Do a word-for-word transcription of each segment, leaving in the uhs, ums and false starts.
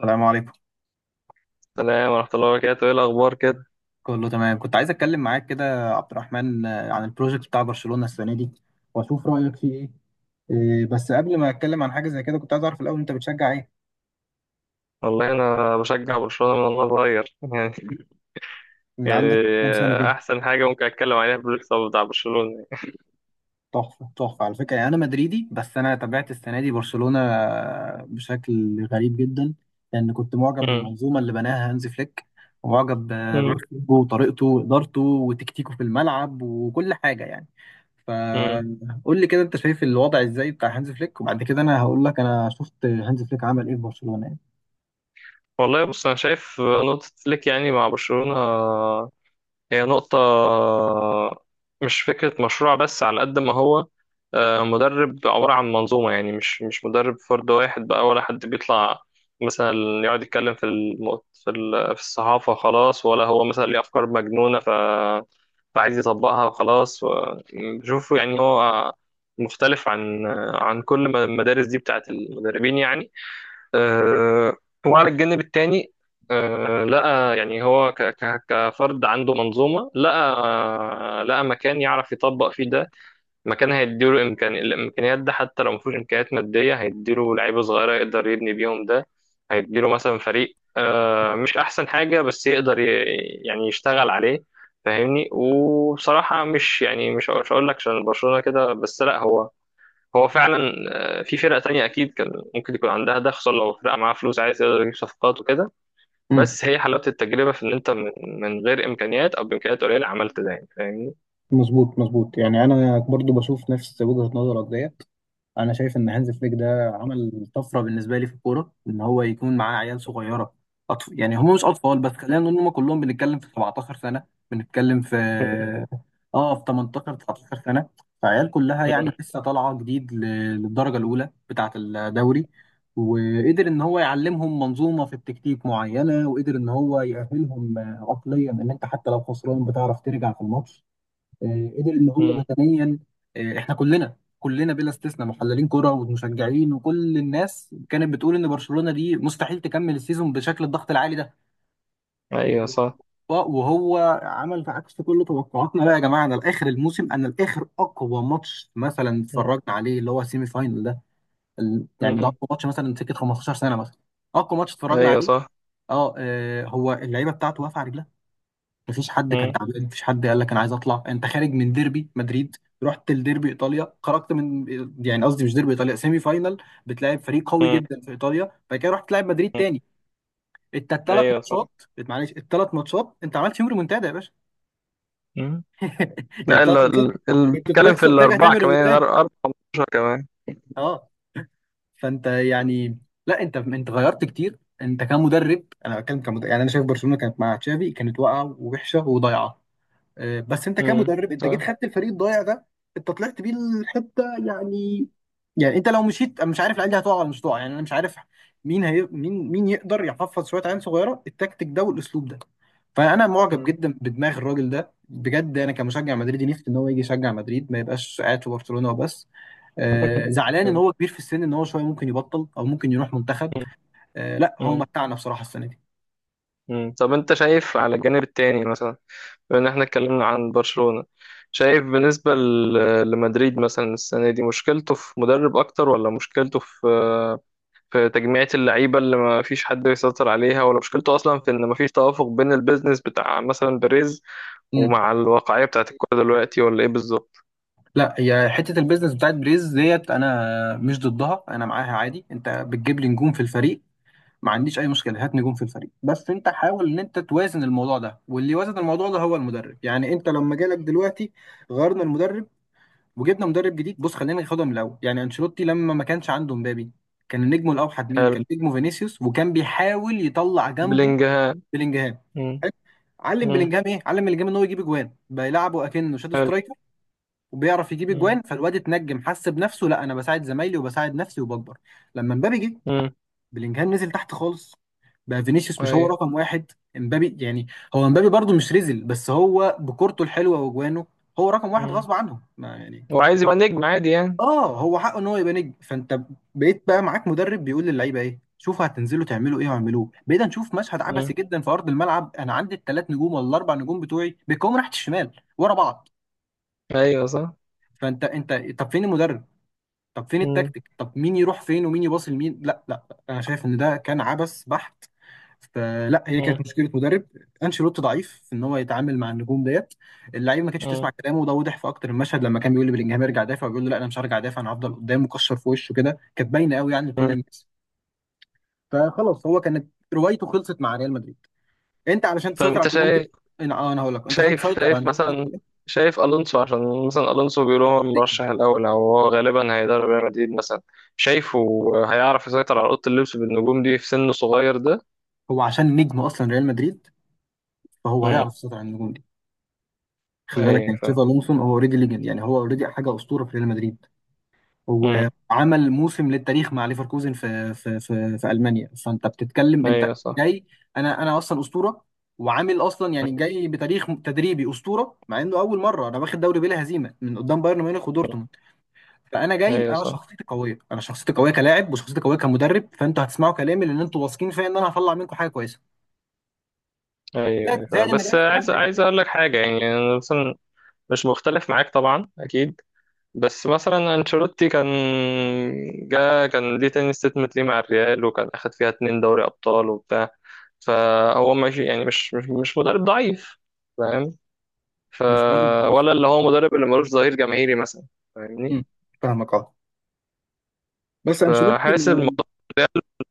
السلام عليكم. السلام ورحمة الله وبركاته، إيه الأخبار كده؟ كله تمام، كنت عايز اتكلم معاك كده يا عبد الرحمن، آه، عن البروجكت بتاع برشلونة السنة دي واشوف رأيك فيه. ايه، آه، بس قبل ما اتكلم عن حاجة زي كده كنت عايز اعرف الاول انت بتشجع ايه؟ والله أنا بشجع برشلونة من وأنا صغير، يعني من اللي يعني عندك كام سنة؟ أحسن حاجة ممكن أتكلم عليها في البريك اب بتاع برشلونة يعني. تحفة تحفة على فكرة. يعني أنا مدريدي بس أنا تابعت السنة دي برشلونة بشكل غريب جدا، لأن كنت معجب مم. بالمنظومة اللي بناها هانز فليك ومعجب مم. بأسلوبه وطريقته وإدارته وتكتيكه في الملعب وكل حاجة يعني. مم. فقول لي كده، أنت شايف الوضع إزاي بتاع هانز فليك؟ وبعد كده أنا هقول لك أنا شفت هانز فليك عمل إيه في برشلونة يعني. والله بص أنا شايف نقطة فليك يعني مع برشلونة هي نقطة مش فكرة مشروع بس على قد ما هو آه، مدرب عبارة عن منظومة يعني مش مش مدرب فرد واحد بقى ولا حد بيطلع مثلا يقعد يتكلم في الم... في ال... في الصحافة خلاص ولا هو مثلا ليه أفكار مجنونة ف... فعايز يطبقها وخلاص و- بشوفه يعني هو مختلف عن عن كل ما- المدارس دي بتاعت المدربين يعني آه، وعلى الجانب التاني آه، لقى يعني هو ك- ك- كفرد عنده منظومة لقى آه، لقى مكان يعرف يطبق فيه ده مكان هيديله إمكان الإمكانيات ده حتى لو مفيش إمكانيات مادية هيديله لعيبة صغيرة يقدر يبني بيهم ده هيديله مثلا فريق آه، مش أحسن حاجة بس يقدر ي- يعني يشتغل عليه فاهمني وبصراحة مش يعني مش مش هقول لك عشان برشلونة كده بس لا هو هو فعلا آه، في فرق تانية أكيد كان ممكن يكون عندها ده خصوصا لو فرقة معاها فلوس عايز يقدر يجيب صفقات وكده امم. بس هي حلاوة التجربة في إن أنت من, من غير إمكانيات أو بإمكانيات قليلة عملت ده يعني فاهمني؟ مظبوط مظبوط، يعني أنا برضو بشوف نفس وجهة نظرك ديت. انا شايف ان هانز فليك ده عمل طفره بالنسبه لي في الكوره، ان هو يكون معاه عيال صغيره. أطف... يعني هم مش اطفال، بس خلينا نقول ان هم كلهم بنتكلم في سبع عشرة سنة سنه، بنتكلم في اه في تمنتاشر تسعتاشر سنة سنه. فعيال كلها مم. يعني لسه طالعه جديد ل- للدرجه الاولى بتاعه الدوري، وقدر ان هو يعلمهم منظومه في التكتيك معينه، وقدر ان هو يأهلهم آه، عقليا ان انت حتى لو خسران بتعرف ترجع في الماتش. آه، قدر ان هو مم. بدنيا. آه، احنا كلنا كلنا بلا استثناء محللين كرة ومشجعين وكل الناس كانت بتقول ان برشلونة دي مستحيل تكمل السيزون بشكل الضغط العالي ده. أيوه صح. و- وهو عمل في عكس كل توقعاتنا. بقى يا جماعة، انا لاخر الموسم، انا لاخر اقوى ماتش مثلا مم. اتفرجنا عليه اللي هو السيمي فاينل ده. ال- يعني ده مم. اقوى ماتش مثلا سكة 15 سنة مثلا، اقوى ماتش اتفرجنا أيوه عليه. صح. اه آه، هو اللعيبة بتاعته واقفة على رجلها. مفيش حد كان مم. تعبان، مفيش حد قال لك انا عايز اطلع. انت خارج من ديربي مدريد، رحت لديربي ايطاليا، خرجت من، يعني قصدي مش ديربي ايطاليا، سيمي فاينال، بتلاعب فريق قوي مم. جدا في ايطاليا، بعد كده رحت تلعب مدريد مم. تاني. انت الثلاث أيوه ماتشات، صح. معلش الثلاث ماتشات انت عملت فيهم ريمونتادا يا باشا. مم. يعني لا ال- الثلاث ماتشات ال- ال- كنت بتتكلم في بتخسر وترجع الأربعة تعمل كمان أر- ريمونتادا. أربعة خمستاشر كمان. اه، فانت يعني، لا انت انت غيرت كتير انت كمدرب، انا بتكلم كمدرب. يعني انا شايف برشلونه كانت مع تشافي كانت واقعه ووحشه وضايعه، آه، بس انت مم. كمدرب انت جيت صح. خدت الفريق الضايع ده، انت طلعت بيه الحته يعني. يعني انت لو مشيت انا مش عارف العيال دي هتقع ولا مش هتقع، يعني انا مش عارف مين هي مين مين يقدر يحفظ شويه عيال صغيره التكتيك ده والاسلوب ده. فانا معجب مم. جدا بدماغ الراجل ده بجد، انا كمشجع مدريدي نفسي ان هو يجي يشجع مدريد، ما يبقاش قاعد في برشلونه وبس. آه زعلان ان هو كبير في السن، ان هو شويه ممكن يبطل او ممكن يروح منتخب. مم. آه لا هو مم. متعنا بصراحه السنه مم. طب انت شايف على الجانب التاني مثلا بما ان احنا اتكلمنا عن برشلونة شايف بالنسبة ل- لمدريد مثلا السنة دي مشكلته في مدرب اكتر ولا مشكلته في في تجميعة اللعيبة اللي ما فيش حد يسيطر عليها ولا مشكلته اصلا في ان ما فيش توافق بين البيزنس بتاع مثلا بيريز دي. ومع الواقعية بتاعت الكورة دلوقتي ولا ايه بالظبط؟ لا هي حته البيزنس بتاعت بريز ديت انا مش ضدها، انا معاها عادي. انت بتجيب لي نجوم في الفريق، ما عنديش اي مشكله، هات نجوم في الفريق بس انت حاول ان انت توازن الموضوع ده. واللي وازن الموضوع ده هو المدرب، يعني انت لما جالك دلوقتي غيرنا المدرب وجبنا مدرب جديد. بص خلينا ناخدها من الاول، يعني انشيلوتي لما ما كانش عنده مبابي كان نجمه الاوحد، مين حلو. كان نجمه؟ فينيسيوس. وكان بيحاول يطلع جنبه بلينجهام. بلينجهام. مم. حلو؟ علم مم. بلينجهام ايه؟ علم بلينجهام ان هو يجيب اجوان بيلعبه اكنه شادو حلو. سترايكر، وبيعرف يجيب مم. اجوان. فالواد اتنجم حس بنفسه، لا انا بساعد زمايلي وبساعد نفسي وبكبر. لما مبابي جه، مم. بلينجهام نزل تحت خالص، بقى فينيسيوس مش هو ايوه. رقم واحد، امبابي يعني. هو امبابي برضو مش رزل، بس هو بكورته الحلوه واجوانه هو رقم واحد مم. غصب عنه ما يعني. وعايز يبقى نجم عادي يعني. اه، هو حقه ان هو يبقى نجم. فانت بقيت بقى معاك مدرب بيقول للعيبه ايه، شوفوا هتنزلوا تعملوا ايه واعملوه، بقينا نشوف مشهد عبثي مم. جدا في ارض الملعب. انا عندي الثلاث نجوم ولا الاربع نجوم بتوعي بيقوموا ناحيه الشمال ورا بعض. ايوه صح. فانت انت، طب فين المدرب؟ طب فين مم. التكتيك؟ طب مين يروح فين ومين يباصي لمين؟ لا لا، انا شايف ان ده كان عبث بحت. فلا، هي كانت مشكله مدرب، انشيلوتي ضعيف في ان هو يتعامل مع النجوم ديت. اللعيبه ما كانتش مم. تسمع كلامه، وده وضح في اكتر المشهد لما كان بيقول لبلينجهام ارجع دافع، وبيقول له لا انا مش هرجع دافع انا هفضل قدام، مكشر في وشه كده، كانت باينه قوي يعني لكل مم. الناس. فخلاص هو كانت روايته خلصت مع ريال مدريد. انت علشان طب تسيطر على انت النجوم دي، شايف انا آه، انا هقول لك، انت عشان شايف تسيطر على شايف النجوم مثلا شايف الونسو عشان مثلا الونسو بيقولوا هو دي المرشح الاول او هو غالبا هيدرب ريال مدريد مثلا شايفه هيعرف يسيطر على اوضه اللبس بالنجوم دي في سن صغير ده؟ هو عشان نجم اصلا ريال مدريد، فهو امم. هيعرف يسيطر على النجوم دي. خلي بالك ايوه يعني فاهم. تشافي الونسو هو اوريدي ليجند، يعني هو اوريدي حاجه اسطوره في ريال مدريد. هو امم. عمل موسم للتاريخ مع ليفركوزن في في في, في المانيا. فانت بتتكلم انت ايوه صح. جاي، انا انا اصلا اسطوره. وعامل اصلا يعني جاي بتاريخ تدريبي اسطوره، مع انه اول مره انا واخد دوري بلا هزيمه من قدام بايرن ميونخ مم. ودورتموند. فانا جاي، ايوه انا صح. شخصيتي قويه، انا شخصيتي قويه كلاعب وشخصيتي قويه كمدرب. فانتوا هتسمعوا كلامي لان انتوا واثقين فيا ان انا هطلع منكم حاجه كويسه. ايوه زائد ايوه زائد فاهم، ان ريال بس مش عايز مدرب، عايز اقول لك حاجه يعني انا مثلا مش مختلف معاك طبعا اكيد، بس مثلا انشيلوتي كان جا كان ليه تاني ستيتمنت ليه مع الريال وكان اخد فيها اتنين دوري ابطال وبتاع، فهو ماشي يعني مش مش مش مدرب ضعيف فاهم. ف مش مدرب بس. ولا اللي هو مدرب اللي ملوش ظهير جماهيري مثلا فاهمني، مم. فاهمك اه، بس انشيلوتي. فحاسس الموضوع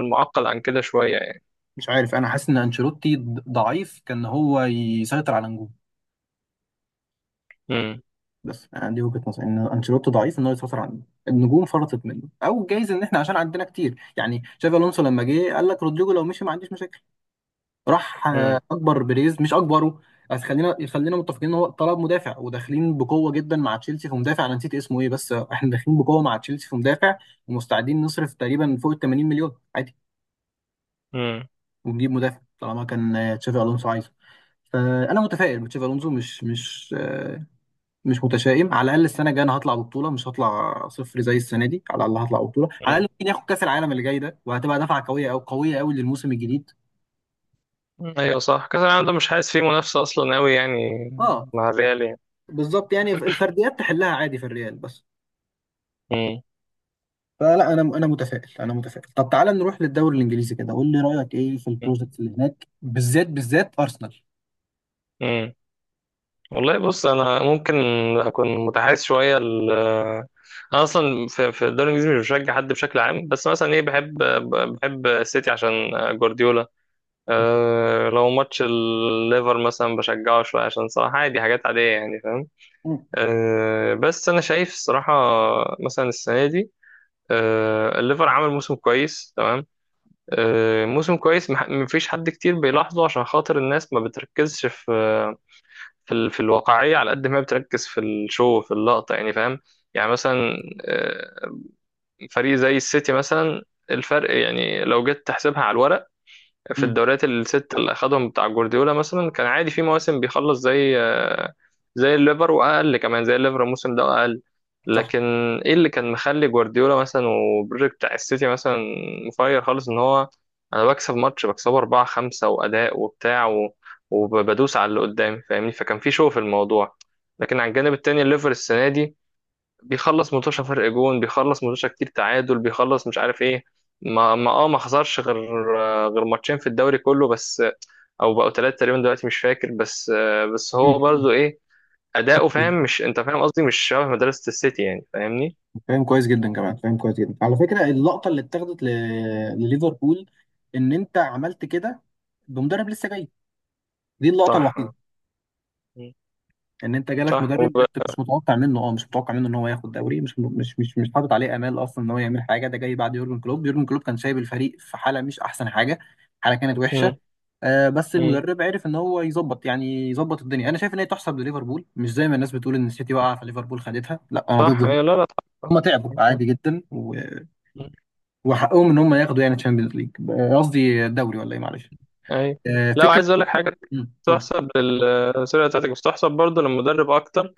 معقد عن كده شويه يعني. مش عارف، انا حاسس ان انشيلوتي ض- ضعيف كان هو يسيطر على النجوم. امم. بس انا دي وجهة نظري، ان انشيلوتي ضعيف ان هو يسيطر على النجوم. النجوم فرطت منه، او جايز ان احنا عشان عندنا كتير. يعني شافي الونسو لما جه قال لك رودريجو لو مشي ما عنديش مشاكل. راح امم. آه، اكبر بيريز مش اكبره. بس خلينا خلينا متفقين ان هو طلب مدافع، وداخلين بقوه جدا مع تشيلسي في مدافع، انا نسيت اسمه ايه بس، آه، احنا داخلين بقوه مع تشيلسي في مدافع، ومستعدين نصرف تقريبا فوق ال 80 مليون عادي، امم. ونجيب مدافع طالما كان آه، تشافي الونسو عايزه. فانا متفائل بتشافي الونزو، مش مش آه، مش متشائم. على الاقل السنه الجايه انا هطلع ببطوله، مش هطلع صفر زي السنه دي. على الاقل هطلع ببطوله، على الاقل ممكن ياخد كاس العالم اللي جاي ده، وهتبقى دفعه قويه او قويه قوي للموسم الجديد. أمم. ايوه صح كاس العالم ده مش حاسس فيه منافسه اصلا قوي يعني اه مع الريال يعني. بالظبط، يعني الفرديات تحلها عادي في الريال بس. فلا انا انا متفائل، انا متفائل. طب تعالى نروح للدوري الانجليزي كده، قول لي رايك ايه في البروجكت اللي هناك، بالذات بالذات ارسنال. امم. والله بص انا ممكن اكون متحيز شويه ل... انا اصلا في في الدوري الانجليزي مش بشجع حد بشكل عام بس مثلا ايه، بحب بحب السيتي عشان جوارديولا. أه لو ماتش الليفر مثلا بشجعه شويه عشان صراحه عادي حاجات عاديه يعني فاهم. مم. أه بس انا شايف الصراحه مثلا السنه دي، أه الليفر عمل موسم كويس تمام، أه موسم كويس مح- مفيش حد كتير بيلاحظه عشان خاطر الناس ما بتركزش في في ال... في الواقعية على قد ما هي بتركز في الشو في اللقطة يعني فاهم. يعني مثلا آه، فريق زي السيتي مثلا الفرق يعني لو جيت تحسبها على الورق في مم. الدوريات الست اللي اخدهم بتاع جوارديولا مثلا كان عادي في مواسم بيخلص زي زي الليفر واقل كمان زي الليفر الموسم ده واقل، صح. لكن ايه اللي كان مخلي جوارديولا مثلا وبريك بتاع السيتي مثلا مفير خالص ان هو انا بكسب ماتش بكسبه أربعة خمسة واداء وبتاع و... وبدوس على اللي قدامي فاهمني، فكان في شو في الموضوع، لكن على الجانب التاني الليفر السنة دي بيخلص متوشة فرق جون بيخلص متوشة كتير تعادل بيخلص مش عارف ايه ما ما اه ما خسرش غير غير ماتشين في الدوري كله بس او بقوا ثلاثة تقريبا دلوقتي مش فاكر، بس بس هو مم. برضو ايه اداؤه مم. فاهم مش انت فاهم قصدي مش شبه مدرسة السيتي يعني فاهمني. فاهم كويس جدا كمان، فاهم كويس جدا على فكره، اللقطه اللي اتاخدت ل... لليفربول، ان انت عملت كده بمدرب لسه جاي، دي اللقطه الوحيده. صح. مم. ان انت جالك صح مدرب وب... انت مش متوقع منه اه مش متوقع منه ان هو ياخد دوري، مش مش مش مش حاطط عليه امال اصلا ان هو يعمل حاجه. ده جاي بعد يورجن كلوب. يورجن كلوب كان سايب الفريق في حاله مش احسن حاجه، حاله كانت مم. وحشه. آه بس مم. المدرب عرف ان هو يظبط، يعني يظبط الدنيا. انا شايف ان هي تحسب لليفربول، مش زي ما الناس بتقول ان السيتي وقع فليفربول خدتها، لا انا ضد صح ده. ايه لا لا صح صح. هما تعبوا عادي جدا، مم. وحقهم ان هم ياخدوا يعني تشامبيونز ليج، قصدي دوري ولا ايه معلش. اي. آه، لا فكره. عايز اقول لك حاجة مم، اتفضل. تحسب للسيرة بتاعتك بس تحسب برضو للمدرب اكتر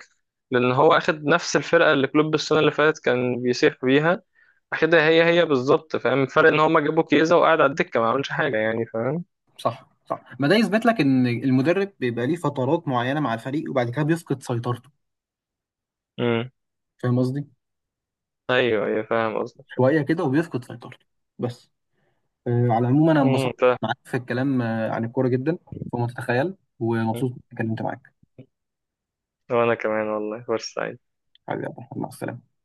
لأن هو أخد نفس الفرقة اللي كلوب السنة اللي فاتت كان بيسيح بيها، أخدها هي هي بالظبط فاهم الفرق إن هما جابوا كيزا وقعد على الدكة ما عملش حاجة يعني فاهم. صح صح، ما ده يثبت لك ان المدرب بيبقى ليه فترات معينه مع الفريق وبعد كده بيفقد سيطرته. امم. فاهم قصدي؟ أيوه أيوه فاهم قصدك. شويه كده وبيفقد سيطرته. بس آه، على العموم انا امم انبسطت فاهم. معاك في الكلام آه، عن الكوره جدا، فما تتخيل. ومبسوط إني اتكلمت معاك. وأنا كمان والله فرصة. حبيبي يا عبد الرحمن، مع السلامه.